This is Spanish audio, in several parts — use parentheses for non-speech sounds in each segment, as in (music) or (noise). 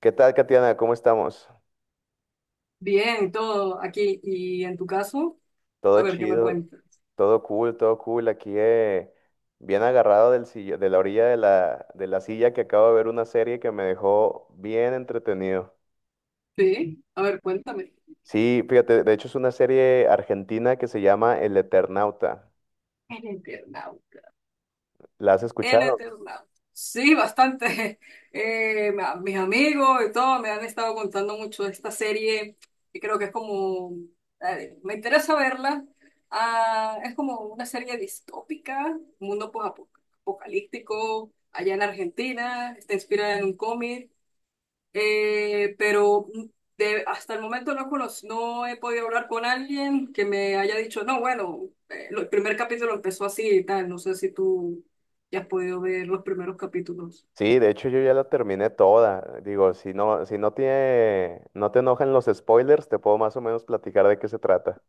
¿Qué tal, Katiana? ¿Cómo estamos? Bien, y todo aquí. ¿Y en tu caso? Todo A ver, ¿qué me chido, cuentas? todo cool, todo cool. Aquí bien agarrado de la orilla de la silla que acabo de ver una serie que me dejó bien entretenido. Sí, a ver, cuéntame. Sí, fíjate, de hecho es una serie argentina que se llama El Eternauta. En Eternauta. ¿La has En escuchado? Eternauta. Sí, bastante. (laughs) Mis amigos y todo me han estado contando mucho de esta serie y creo que me interesa verla. Ah, es como una serie distópica, mundo post-apocalíptico, allá en Argentina, está inspirada en un cómic. Eh, pero Hasta el momento no he podido hablar con alguien que me haya dicho, no, el primer capítulo empezó así y tal. No sé si tú ya has podido ver los primeros capítulos. Sí, de hecho yo ya la terminé toda. Digo, si no, si no tiene, no te enojan los spoilers, te puedo más o menos platicar de qué se trata.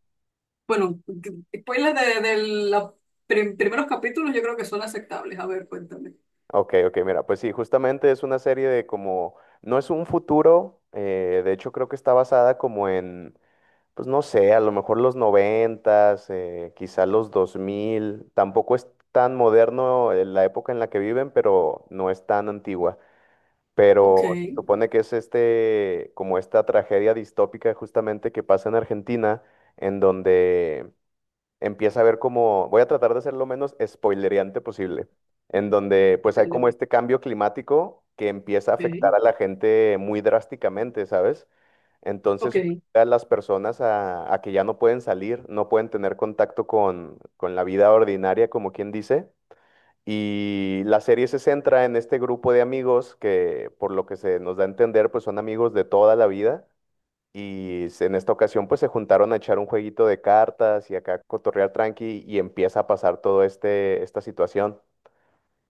Bueno, spoilers de los primeros capítulos yo creo que son aceptables. A ver, cuéntame. Ok, ok, mira, pues sí, justamente es una serie de como, no es un futuro, de hecho creo que está basada como en, pues no sé, a lo mejor los 90, quizá los 2000, tampoco es tan moderno, la época en la que viven, pero no es tan antigua. Ok, Pero se supone que es este, como esta tragedia distópica justamente que pasa en Argentina, en donde empieza a ver como, voy a tratar de ser lo menos spoilereante posible, en donde pues hay dale. como este cambio climático que empieza a Ok, afectar a la gente muy drásticamente, ¿sabes? Entonces ok, obliga a las personas a que ya no pueden salir, no pueden tener contacto con la vida ordinaria, como quien dice. Y la serie se centra en este grupo de amigos que, por lo que se nos da a entender, pues son amigos de toda la vida y en esta ocasión pues se juntaron a echar un jueguito de cartas y acá a cotorrear tranqui y empieza a pasar todo esta situación.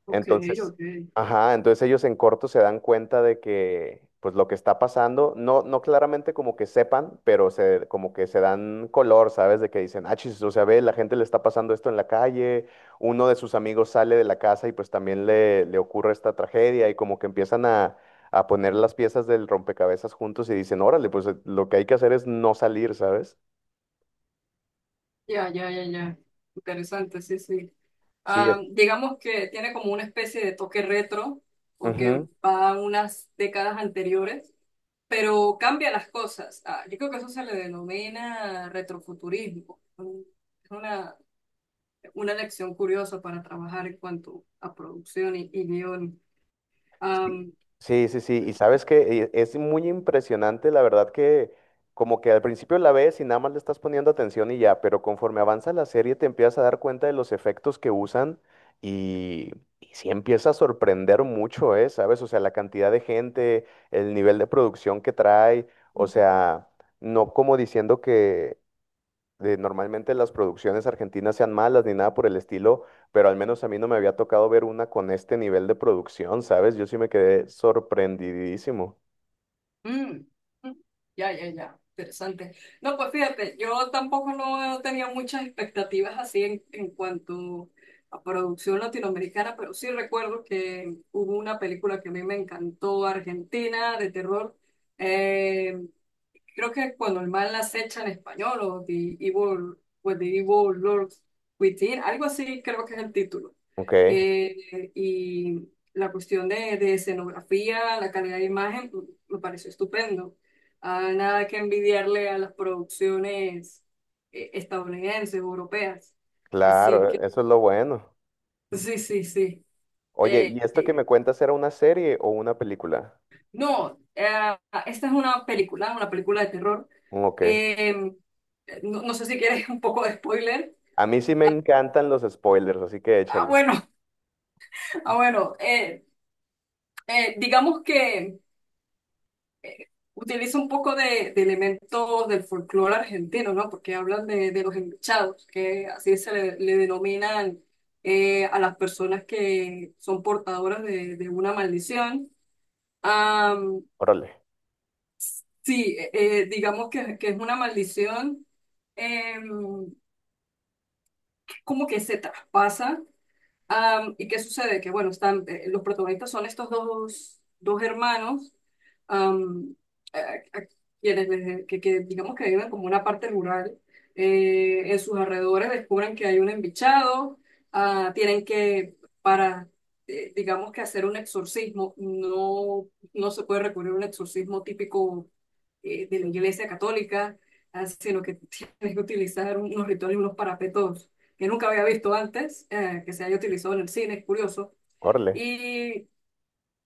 ok, Entonces, ok. ajá, entonces ellos en corto se dan cuenta de que, pues lo que está pasando, no, no claramente como que sepan, pero se, como que se dan color, ¿sabes? De que dicen, ah, chis, o sea, ve, la gente le está pasando esto en la calle, uno de sus amigos sale de la casa y pues también le ocurre esta tragedia y como que empiezan a poner las piezas del rompecabezas juntos y dicen, órale, pues lo que hay que hacer es no salir, ¿sabes? Ya, ya, ya, ya. Interesante, sí, sí. Sí, Ah, digamos que tiene como una especie de toque retro, porque ujú. va a unas décadas anteriores, pero cambia las cosas. Ah, yo creo que eso se le denomina retrofuturismo. Es una lección curiosa para trabajar en cuanto a producción y guión. Sí, sí, sí, sí. Y sabes que, es muy impresionante, la verdad, que como que al principio la ves y nada más le estás poniendo atención y ya, pero conforme avanza la serie te empiezas a dar cuenta de los efectos que usan y, y sí empieza a sorprender mucho, ¿eh? ¿Sabes? O sea, la cantidad de gente, el nivel de producción que trae, o sea, no como diciendo que, normalmente las producciones argentinas sean malas ni nada por el estilo, pero al menos a mí no me había tocado ver una con este nivel de producción, ¿sabes? Yo sí me quedé sorprendidísimo. Mm, mm, ya, ya, ya, interesante. No, pues fíjate, yo tampoco no tenía muchas expectativas así en cuanto a producción latinoamericana, pero sí recuerdo que hubo una película que a mí me encantó, Argentina, de terror. Eh, Creo que Cuando el mal acecha, en español, o The Evil Lord Within, algo así creo que es el título. Ok, Y la cuestión de escenografía, la calidad de imagen, mm, me pareció estupendo. Ah, nada que envidiarle a las producciones estadounidenses, europeas. Así claro, que e, eso es lo bueno. (laughs) sí, sí, sí. Oye, Eh, ¿y esto que me cuentas era una serie o una película? No, Esta es una película de terror. Ok. Eh, no, no sé si quieres un poco de spoiler. A mí sí me encantan los spoilers, así que Ah, échale. bueno, (laughs) ah, bueno. Digamos que utiliza un poco de elementos del folclore argentino, ¿no? Porque hablan de los enluchados, que así le denominan a las personas que son portadoras de una maldición. Am, Órale, sí, digamos que es una maldición. Eh, Como que se traspasa. ¿Y qué sucede? Que bueno, los protagonistas son estos dos hermanos, am, a quienes que digamos que viven como una parte rural. En sus alrededores descubren que hay un embichado, ah, tienen para, digamos que hacer un exorcismo, no, no se puede recurrir a un exorcismo típico de la Iglesia Católica, ah, sino que (laughs) tienes que utilizar unos rituales, unos parapetos que nunca había visto antes, que se haya utilizado en el cine, es curioso. órale, Y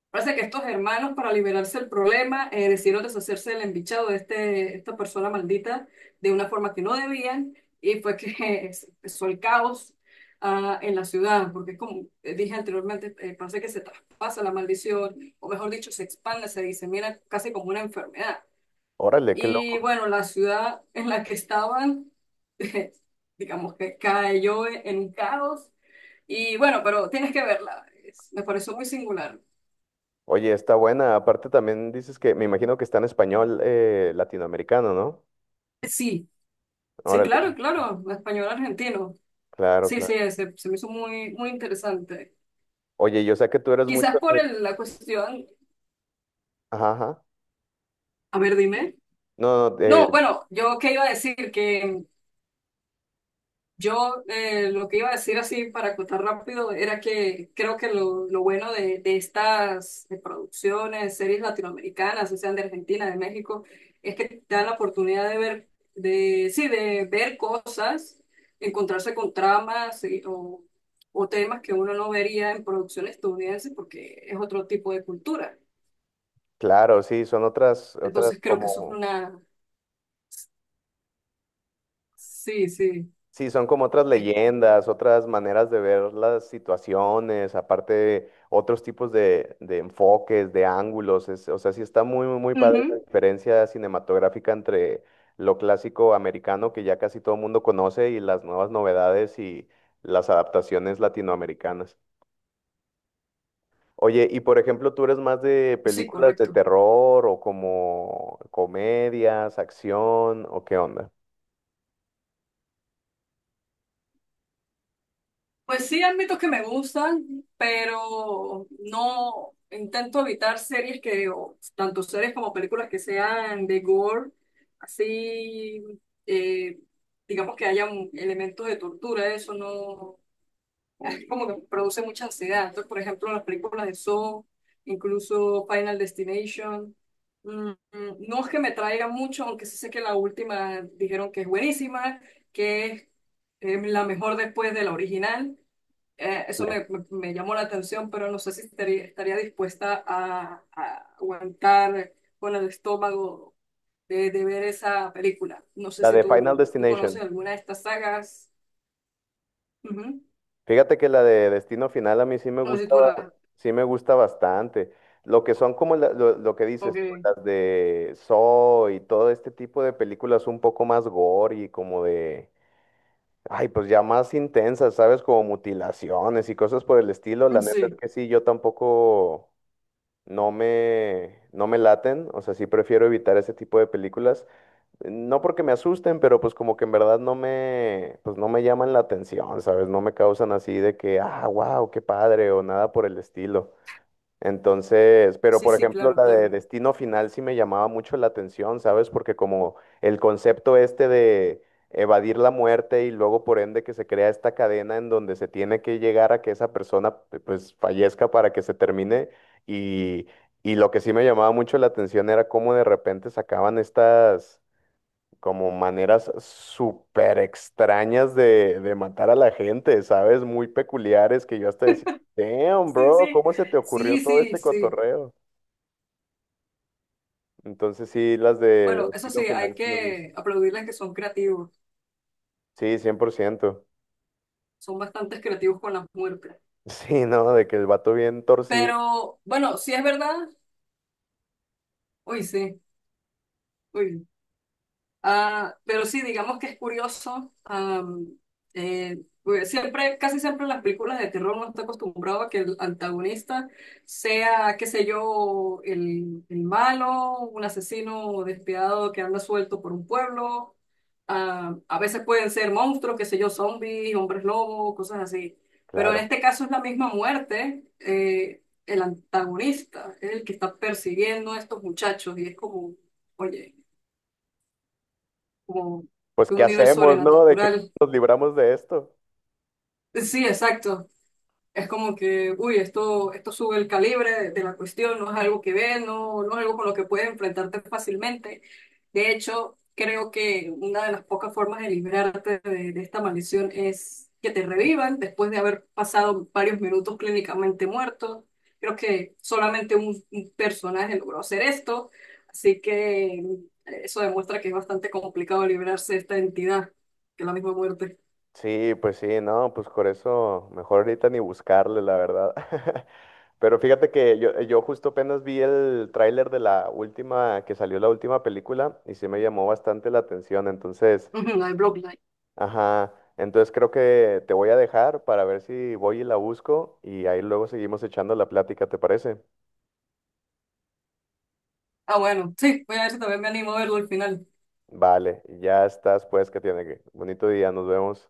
parece que estos hermanos, para liberarse del problema, decidieron deshacerse del embichado de esta persona maldita de una forma que no debían, y fue que (laughs) empezó el caos en la ciudad, porque es como dije anteriormente, parece que se traspasa la maldición, o mejor dicho, se expande, se disemina casi como una enfermedad. órale, qué Y loco. bueno, la ciudad en la que estaban (laughs) digamos que cayó en un caos y bueno, pero tienes que verla. Me pareció muy singular. Oye, está buena. Aparte también dices que me imagino que está en español, latinoamericano, ¿no? Sí, sí, claro, Órale, claro. Español argentino. claro, Sí, claro. sí, se me hizo muy, muy interesante. Oye, yo sé que tú eres mucho Quizás por de… la cuestión. Ajá, ajá. A ver, dime. No, no, No, bueno, yo qué iba a decir, que yo, lo que iba a decir así para acotar rápido era que creo que lo bueno de estas producciones, series latinoamericanas, o sean de Argentina, de México, es que te dan la oportunidad de ver, sí, de ver cosas, encontrarse con tramas o temas que uno no vería en producciones estadounidenses porque es otro tipo de cultura. claro, sí, son otras, otras Entonces creo que eso es como, una... Sí, sí. sí, son como otras Es- leyendas, otras maneras de ver las situaciones, aparte otros tipos de enfoques, de ángulos, es… o sea, sí está muy, muy, muy padre la Ujú. diferencia cinematográfica entre lo clásico americano que ya casi todo el mundo conoce y las nuevas novedades y las adaptaciones latinoamericanas. Oye, y por ejemplo, ¿tú eres más de Sí, películas de correcto. terror o como comedias, acción o qué onda? Pues sí, ámbitos que me gustan, pero no intento evitar series que, o tanto series como películas que sean de gore, así, eh, digamos que elementos de tortura, eso no, es como que produce mucha ansiedad. Entonces, por ejemplo, las películas de Saw, incluso Final Destination, mm, mm, no es que me traiga mucho, aunque sí sé que la última dijeron que es buenísima, que es la mejor después de la original. Sí. Eso me llamó la atención, pero no sé si estaría dispuesta a aguantar con el estómago de ver esa película. No sé La si de Final tú Destination. conoces alguna de estas sagas. Ujú. Fíjate que la de Destino Final a mí sí me No sé si gusta, tú la... sí me gusta bastante. Lo que son como lo que dices tú, Ok. las de Saw y todo este tipo de películas un poco más gore y como de, ay, pues ya más intensas, ¿sabes? Como mutilaciones y cosas por el estilo. La neta es Sí, que sí, yo tampoco. No me laten, o sea, sí prefiero evitar ese tipo de películas, no porque me asusten, pero pues como que en verdad no me, pues no me llaman la atención, ¿sabes? No me causan así de que, ah, wow, qué padre, o nada por el estilo. Entonces, pero sí, por sí, ejemplo, claro, la de claro. Destino Final sí me llamaba mucho la atención, ¿sabes? Porque como el concepto este de evadir la muerte y luego por ende que se crea esta cadena en donde se tiene que llegar a que esa persona pues fallezca para que se termine y, y lo que sí me llamaba mucho la atención era cómo de repente sacaban estas como maneras súper extrañas de matar a la gente, ¿sabes? Muy peculiares que yo hasta decía, damn, Sí, bro, sí, ¿cómo se te ocurrió sí, todo sí, este sí. cotorreo? Entonces sí, las de Bueno, eso estilo sí, final hay sí me que gustan. aplaudirles que son creativos. Sí, 100%. Son bastante creativos con las muertes. (laughs) Sí, ¿no? De que el vato bien torcido, Pero bueno, si es verdad, uy, sí. Uy, ah, pero sí, digamos que es curioso. Pues siempre, casi siempre en las películas de terror uno está acostumbrado a que el antagonista sea, qué sé yo, el malo, un asesino despiadado que anda suelto por un pueblo. Ah, a veces pueden ser monstruos, qué sé yo, zombies, hombres lobo, cosas así. Pero en claro. este caso es la misma muerte. El antagonista es el que está persiguiendo a estos muchachos y es como, oye, como Pues, de ¿qué un nivel hacemos, no? De que sobrenatural. nos libramos de esto. Sí, exacto. Es como que, uy, esto sube el calibre de la cuestión, no es algo que ves, no, no es algo con lo que puedes enfrentarte fácilmente. De hecho, creo que una de las pocas formas de librarte de esta maldición es que te revivan después de haber pasado varios minutos clínicamente muerto. Creo que solamente un personaje logró hacer esto, así que eso demuestra que es bastante complicado librarse de esta entidad, que es la misma muerte. Sí, pues sí, no, pues por eso mejor ahorita ni buscarle, la verdad. (laughs) Pero fíjate que yo justo apenas vi el tráiler de la última, que salió la última película y sí me llamó bastante la atención. Entonces, (laughs) Ujú, la de Bloodline. ajá, entonces creo que te voy a dejar para ver si voy y la busco y ahí luego seguimos echando la plática, ¿te parece? Ah, bueno, sí, voy a ver si también me animo a verlo al final. Vale, ya estás, pues, que tiene que. Bonito día, nos vemos.